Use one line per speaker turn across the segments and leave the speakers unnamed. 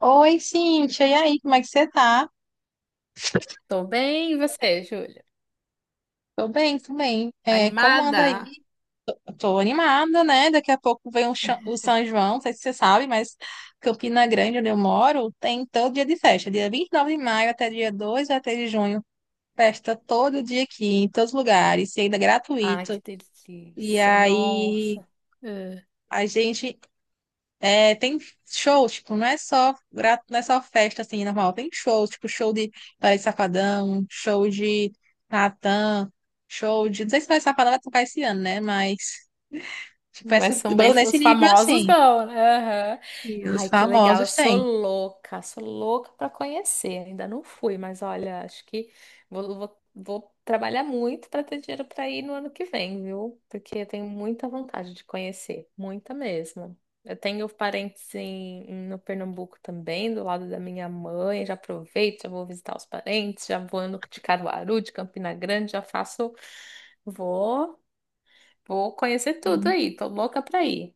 Oi, Cíntia, e aí, como é que você tá?
Tô bem, e você, Júlia?
Tô bem, tô bem. É, como anda
Animada?
aí? Eu tô animada, né? Daqui a pouco vem o São João, não sei se você sabe, mas Campina Grande, onde eu moro, tem todo dia de festa. Dia 29 de maio até dia 2 ou até de junho. Festa todo dia aqui, em todos os lugares, e ainda é
Ai, que
gratuito. E
delícia,
aí,
nossa.
a gente é, tem shows, tipo, não é só festa, assim, normal. Tem shows, tipo, show de Paris Safadão, show de Natan, show de... Não sei se Paris Safadão vai tocar esse ano, né? Mas, tipo,
Mas
essa
são bem
banda nesse
os
nível,
famosos
assim,
não, né? Aham.
que os
Ai, que legal. Eu
famosos têm.
sou louca para conhecer. Ainda não fui, mas olha, acho que vou trabalhar muito para ter dinheiro para ir no ano que vem, viu? Porque eu tenho muita vontade de conhecer, muita mesmo. Eu tenho parentes no Pernambuco também, do lado da minha mãe. Já aproveito, já vou visitar os parentes, já vou no- de Caruaru, de Campina Grande, já faço. Vou. Vou conhecer tudo aí, tô louca pra ir.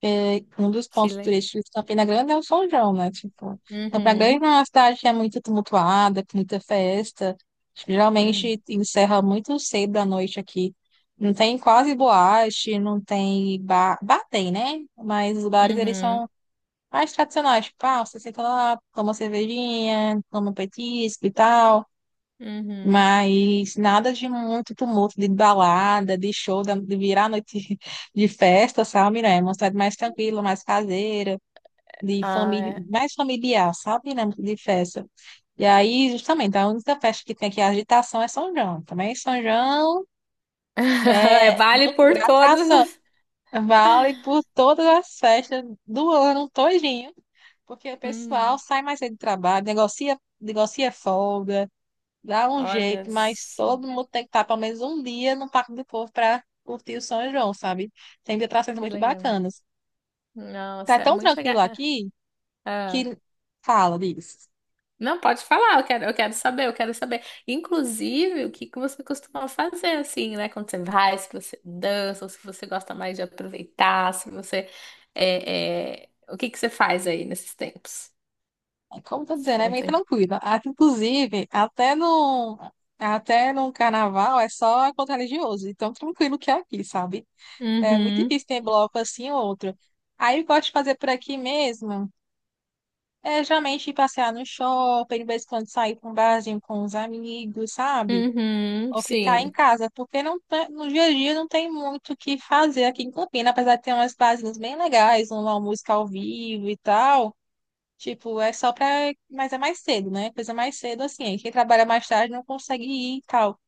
Porque um dos
Que
pontos
legal.
turísticos de Campina Grande é o São João, né? Tipo, Campina Grande
Uhum,
é uma cidade que é muito tumultuada, com muita festa.
uhum,
Geralmente encerra muito cedo da noite aqui. Não tem quase boate, não tem bar. Bar tem, né? Mas os bares, eles
uhum,
são mais tradicionais. Tipo, ah, você senta lá, toma uma cervejinha, toma um petisco e tal.
uhum.
Mas nada de muito tumulto, de balada, de show, de virar a noite de festa, sabe, né? Uma cidade mais tranquila, mais caseira, de
Ah,
família,
é.
mais familiar, sabe, né? De festa. E aí, justamente, a única festa que tem aqui, é a agitação, é São João. Também São João
É,
é
vale por
loucura, atração.
todos.
Vale por todas as festas do ano todinho, porque o pessoal
Hum.
sai mais cedo do trabalho, negocia, negocia folga, dá um
Olha
jeito, mas
só,
todo mundo tem que estar pelo menos um dia no Parque do Povo para curtir o São João, sabe? Tem atrações
que
muito
legal.
bacanas. Tá
Nossa, é
tão
muito legal.
tranquilo
Ah,
aqui
ah.
que fala disso.
Não, pode falar, eu quero saber, eu quero saber. Inclusive, o que que você costuma fazer assim, né? Quando você vai, se você dança, ou se você gosta mais de aproveitar, se você. O que que você faz aí nesses tempos?
É, como eu tô dizendo, é meio
Conta aí.
tranquilo. Ah, inclusive, até no carnaval é só encontro religioso. Então, tranquilo que é aqui, sabe? É muito
Uhum,
difícil ter bloco assim ou outro. Aí, eu gosto de fazer por aqui mesmo. É, geralmente ir passear no shopping, de vez em quando sair para um barzinho com os amigos, sabe?
uhum,
Ou ficar em
sim.
casa, porque no dia a dia não tem muito o que fazer aqui em Campina, apesar de ter umas barzinhas bem legais, uma música ao vivo e tal. Tipo, é só pra. Mas é mais cedo, né? Coisa mais cedo, assim. Quem trabalha mais tarde não consegue ir e tal.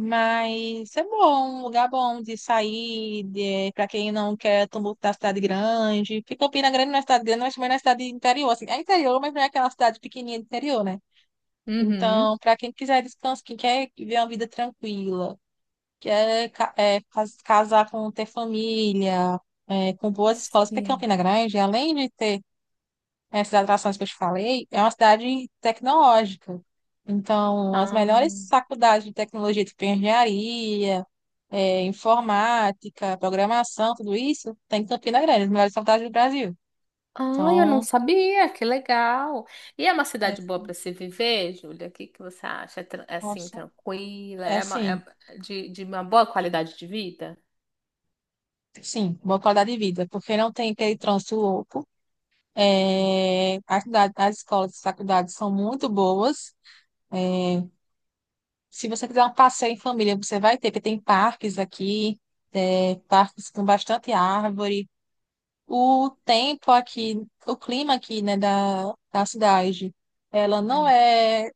Mas é bom, um lugar bom de sair, de... pra quem não quer tumulto da cidade grande. Porque Campina Grande não é cidade grande, mas também não é cidade interior, assim. É interior, mas não é aquela cidade pequenininha de interior, né?
Uhum,
Então, para quem quiser descanso, quem quer ver uma vida tranquila que é, casar com ter família, é, com boas escolas, porque
sim.
Campina Grande, além de ter essas atrações que eu te falei, é uma cidade tecnológica. Então, as
Ah,
melhores faculdades de tecnologia, tipo engenharia, é, informática, programação, tudo isso, tem em Campina Grande, as melhores faculdades do Brasil.
ah, eu não
Então,
sabia, que legal. E é uma
é,
cidade boa para se viver, Júlia? O que que você acha? É, é assim,
nossa,
tranquila?
é
É, uma,
sim,
é de uma boa qualidade de vida?
sim, boa qualidade de vida, porque não tem aquele trânsito louco. É, as escolas e faculdades são muito boas. É, se você quiser um passeio em família, você vai ter, porque tem parques aqui, é, parques com bastante árvore. O tempo aqui, o clima aqui, né, da cidade, ela não
Hum.
é,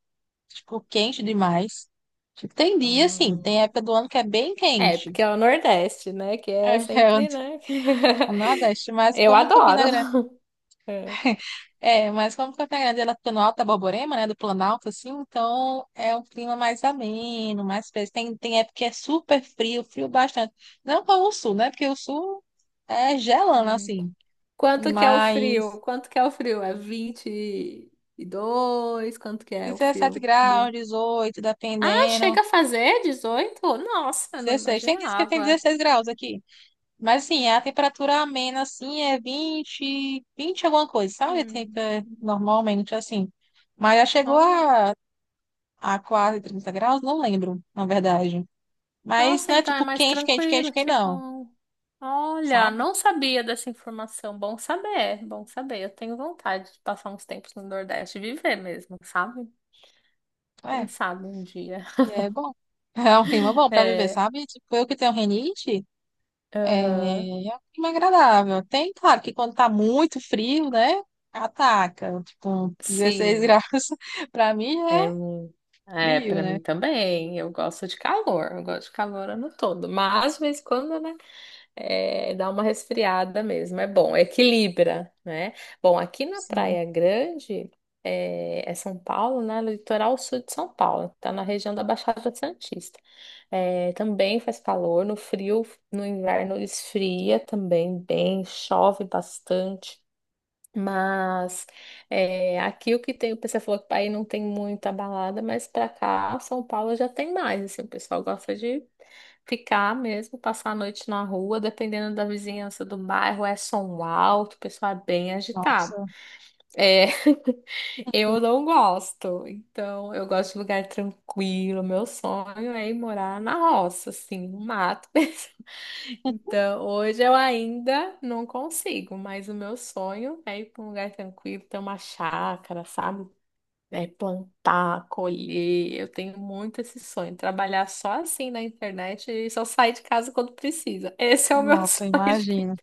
tipo, quente demais. Tipo, tem dia, sim,
Ah,
tem época do ano que é bem
é,
quente.
porque é o Nordeste, né? Que é
É, é
sempre, né?
o Nordeste, mas
Eu adoro. É.
Como Campina Grande ela fica no Alto da Borborema, né, do Planalto, assim, então é um clima mais ameno, mais fresco. Tem época que é super frio, frio bastante. Não como o Sul, né, porque o Sul é gelando,
Hum.
assim,
Quanto que é o
mas
frio? Quanto que é o frio? É 22? Quanto que é o
17
frio?
graus, 18,
Ah,
dependendo,
chega a fazer 18? Nossa, eu não
16. Tem dias que tem
imaginava.
16 graus aqui, mas assim, a temperatura amena, assim, é 20, 20 alguma coisa, sabe? Tem,
Hum.
é, normalmente, assim. Mas já chegou a quase 30 graus, não lembro, na verdade. Mas
Nossa,
não é
então é
tipo
mais
quente, quente, quente,
tranquilo,
quente,
que
não,
bom. Olha,
sabe?
não sabia dessa informação. Bom saber, bom saber. Eu tenho vontade de passar uns tempos no Nordeste, viver mesmo, sabe? Quem
É,
sabe um dia.
e é bom. É um clima bom pra viver,
É,
sabe? Tipo, eu que tenho rinite, é,
aham.
é um clima agradável. Tem, claro, que quando tá muito frio, né? Ataca. Tipo, um 16
Sim,
graus pra mim
é
é
um. É,
frio,
para
né?
mim também. Eu gosto de calor, eu gosto de calor ano todo. Mas, de vez em quando, né? É, dá uma resfriada mesmo, é bom, equilibra, né? Bom, aqui na
Sim,
Praia Grande, São Paulo, né? Litoral sul de São Paulo, tá na região da Baixada Santista. É, também faz calor, no frio, no inverno esfria também bem, chove bastante. Mas é, aqui o que tem, o pessoal falou que aí não tem muita balada, mas pra cá, São Paulo já tem mais. Assim, o pessoal gosta de ficar mesmo, passar a noite na rua, dependendo da vizinhança do bairro, é som alto, o pessoal é bem agitado.
nossa.
É, eu não gosto, então eu gosto de lugar tranquilo. Meu sonho é ir morar na roça, assim, no mato. Então, hoje eu ainda não consigo, mas o meu sonho é ir para um lugar tranquilo, ter uma chácara, sabe? É plantar, colher. Eu tenho muito esse sonho, trabalhar só assim na internet e só sair de casa quando precisa. Esse é o meu
Nossa,
sonho,
imagina.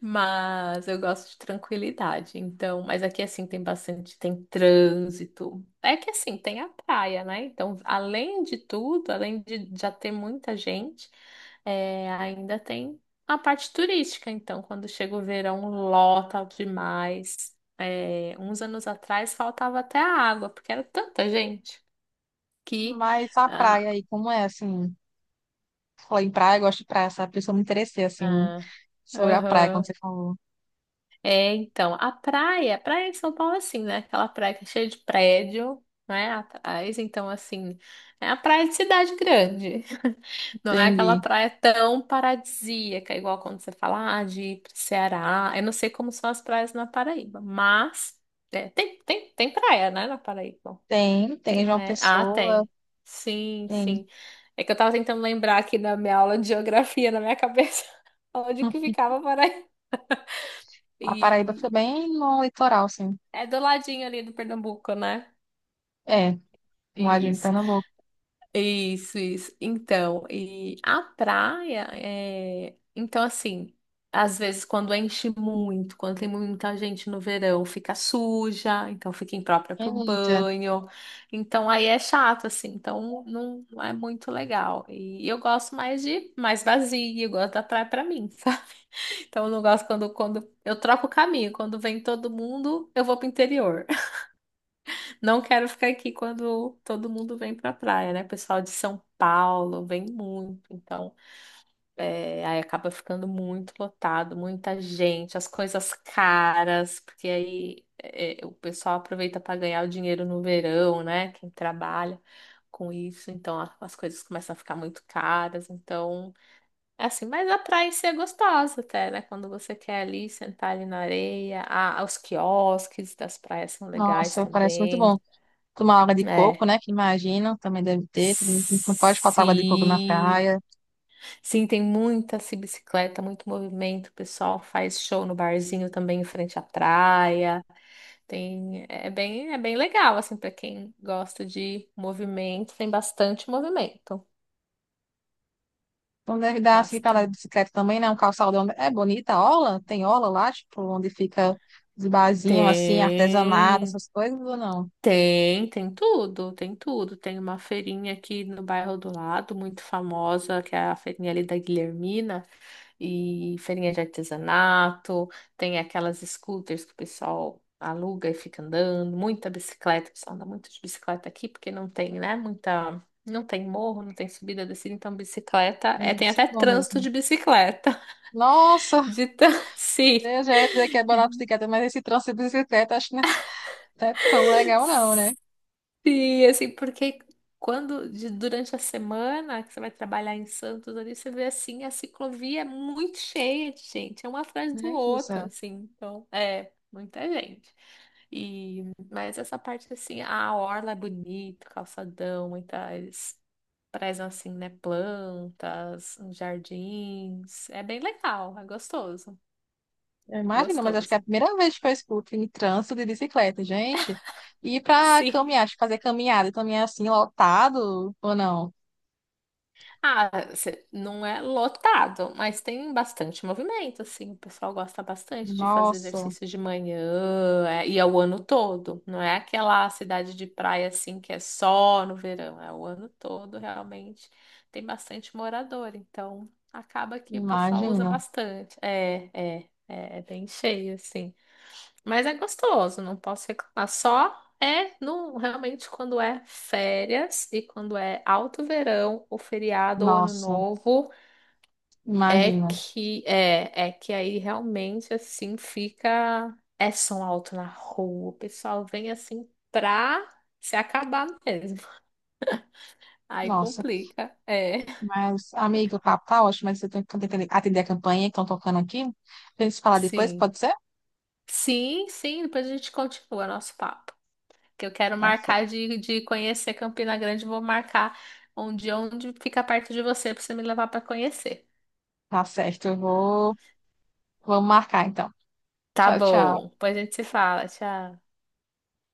mas eu gosto de tranquilidade, então. Mas aqui assim tem bastante, tem trânsito. É que assim tem a praia, né? Então, além de tudo, além de já ter muita gente, é, ainda tem a parte turística. Então, quando chega o verão, lota demais. É, uns anos atrás faltava até a água, porque era tanta gente que.
Mas a
Ah,
praia aí, como é assim? Falei em praia, eu gosto de praia, sabe? Por isso eu me interessei, assim,
ah,
sobre a praia, quando
aham.
você falou.
É, então, a praia de São Paulo é assim, né? Aquela praia que é cheia de prédio, né? Atrás, então, assim, é a praia de cidade grande. Não é aquela
Entendi.
praia tão paradisíaca, igual quando você fala, ah, de ir pro Ceará. Eu não sei como são as praias na Paraíba, mas é, tem praia, né, na Paraíba.
Tem, tem
Tem,
João
né? Ah,
Pessoa,
tem. Sim,
tem.
sim. É que eu tava tentando lembrar aqui da minha aula de geografia na minha cabeça, onde que
Hum.
ficava a Paraíba.
A Paraíba foi
E,
bem no litoral, sim.
É do ladinho ali do Pernambuco, né?
É, no ladinho de
Isso,
Pernambuco.
isso, isso. Então, e a praia é. Então, assim, às vezes quando enche muito, quando tem muita gente no verão, fica suja, então fica imprópria para o
Eita,
banho. Então, aí é chato, assim, então não, não é muito legal. E eu gosto mais de mais vazia, eu gosto da praia para mim, sabe? Então, eu não gosto quando, eu troco o caminho, quando vem todo mundo, eu vou pro interior. Não quero ficar aqui quando todo mundo vem pra praia, né? Pessoal de São Paulo vem muito, então é, aí acaba ficando muito lotado, muita gente, as coisas caras, porque aí o pessoal aproveita para ganhar o dinheiro no verão, né? Quem trabalha com isso, então as coisas começam a ficar muito caras, então é assim, mas a praia em si é gostosa até, né? Quando você quer ali sentar ali na areia, ah, os quiosques das praias são legais
nossa, parece muito
também.
bom. Tomar água de coco,
Né?
né? Que imagino, também deve ter. Também não pode faltar água de coco na
Sim.
praia.
Sim, tem muita assim, bicicleta, muito movimento. O pessoal faz show no barzinho também em frente à praia. Tem, é bem legal assim para quem gosta de movimento, tem bastante movimento.
Não deve dar assim pra andar de
Bastante.
bicicleta também, né? Um calçadão. É bonita a orla? Tem orla lá, tipo, onde fica os barzinhos, assim, artesanato,
Tem.
essas coisas ou não?
Tem, tem tudo, tem tudo. Tem uma feirinha aqui no bairro do lado, muito famosa, que é a feirinha ali da Guilhermina, e feirinha de artesanato, tem aquelas scooters que o pessoal aluga e fica andando, muita bicicleta, o pessoal anda muito de bicicleta aqui, porque não tem, né, muita, não tem morro, não tem subida, descida, então bicicleta,
É,
é,
deve
tem
ser
até
bom
trânsito
mesmo.
de bicicleta,
Nossa,
de tan-
meu
sim.
Deus, já ia dizer que é barato bicicleta, mas esse trânsito de bicicleta, acho que não é tão legal não, né?
E assim, porque quando durante a semana que você vai trabalhar em Santos ali, você vê assim, a ciclovia é muito cheia de gente, é um atrás do
Gente do
outro,
céu.
assim, então é muita gente. E mas essa parte assim, a orla é bonito, calçadão, muitas prezam assim, né, plantas, uns jardins, é bem legal, é gostoso,
Eu imagino, mas acho que é a
gostoso.
primeira vez que eu escuto em trânsito de bicicleta, gente. E pra
Sim.
caminhar, acho que fazer caminhada, caminhar assim, lotado ou não?
Ah, não é lotado, mas tem bastante movimento, assim. O pessoal gosta bastante de fazer
Nossa,
exercício de manhã, é, e é o ano todo. Não é aquela cidade de praia, assim, que é só no verão. É o ano todo, realmente. Tem bastante morador, então acaba que o pessoal usa
imagina.
bastante. É bem cheio, assim. Mas é gostoso, não posso reclamar. Só é no, realmente quando é férias e quando é alto verão, ou feriado ou ano
Nossa,
novo, é
imagina.
que é que aí realmente assim fica é som alto na rua, o pessoal vem assim pra se acabar mesmo. Aí
Nossa,
complica. É.
mas, amigo, o papo tá ótimo, mas eu tenho que atender a campanha que estão tocando aqui. A gente se falar depois,
Sim.
pode ser?
Sim, sim, depois a gente continua nosso papo. Que eu quero
Tá
marcar
certo.
de conhecer Campina Grande, vou marcar um dia onde fica perto de você para você me levar para conhecer.
Tá certo, eu vou... Vamos marcar então.
Tá
Tchau,
bom,
tchau.
depois a gente se fala, tchau.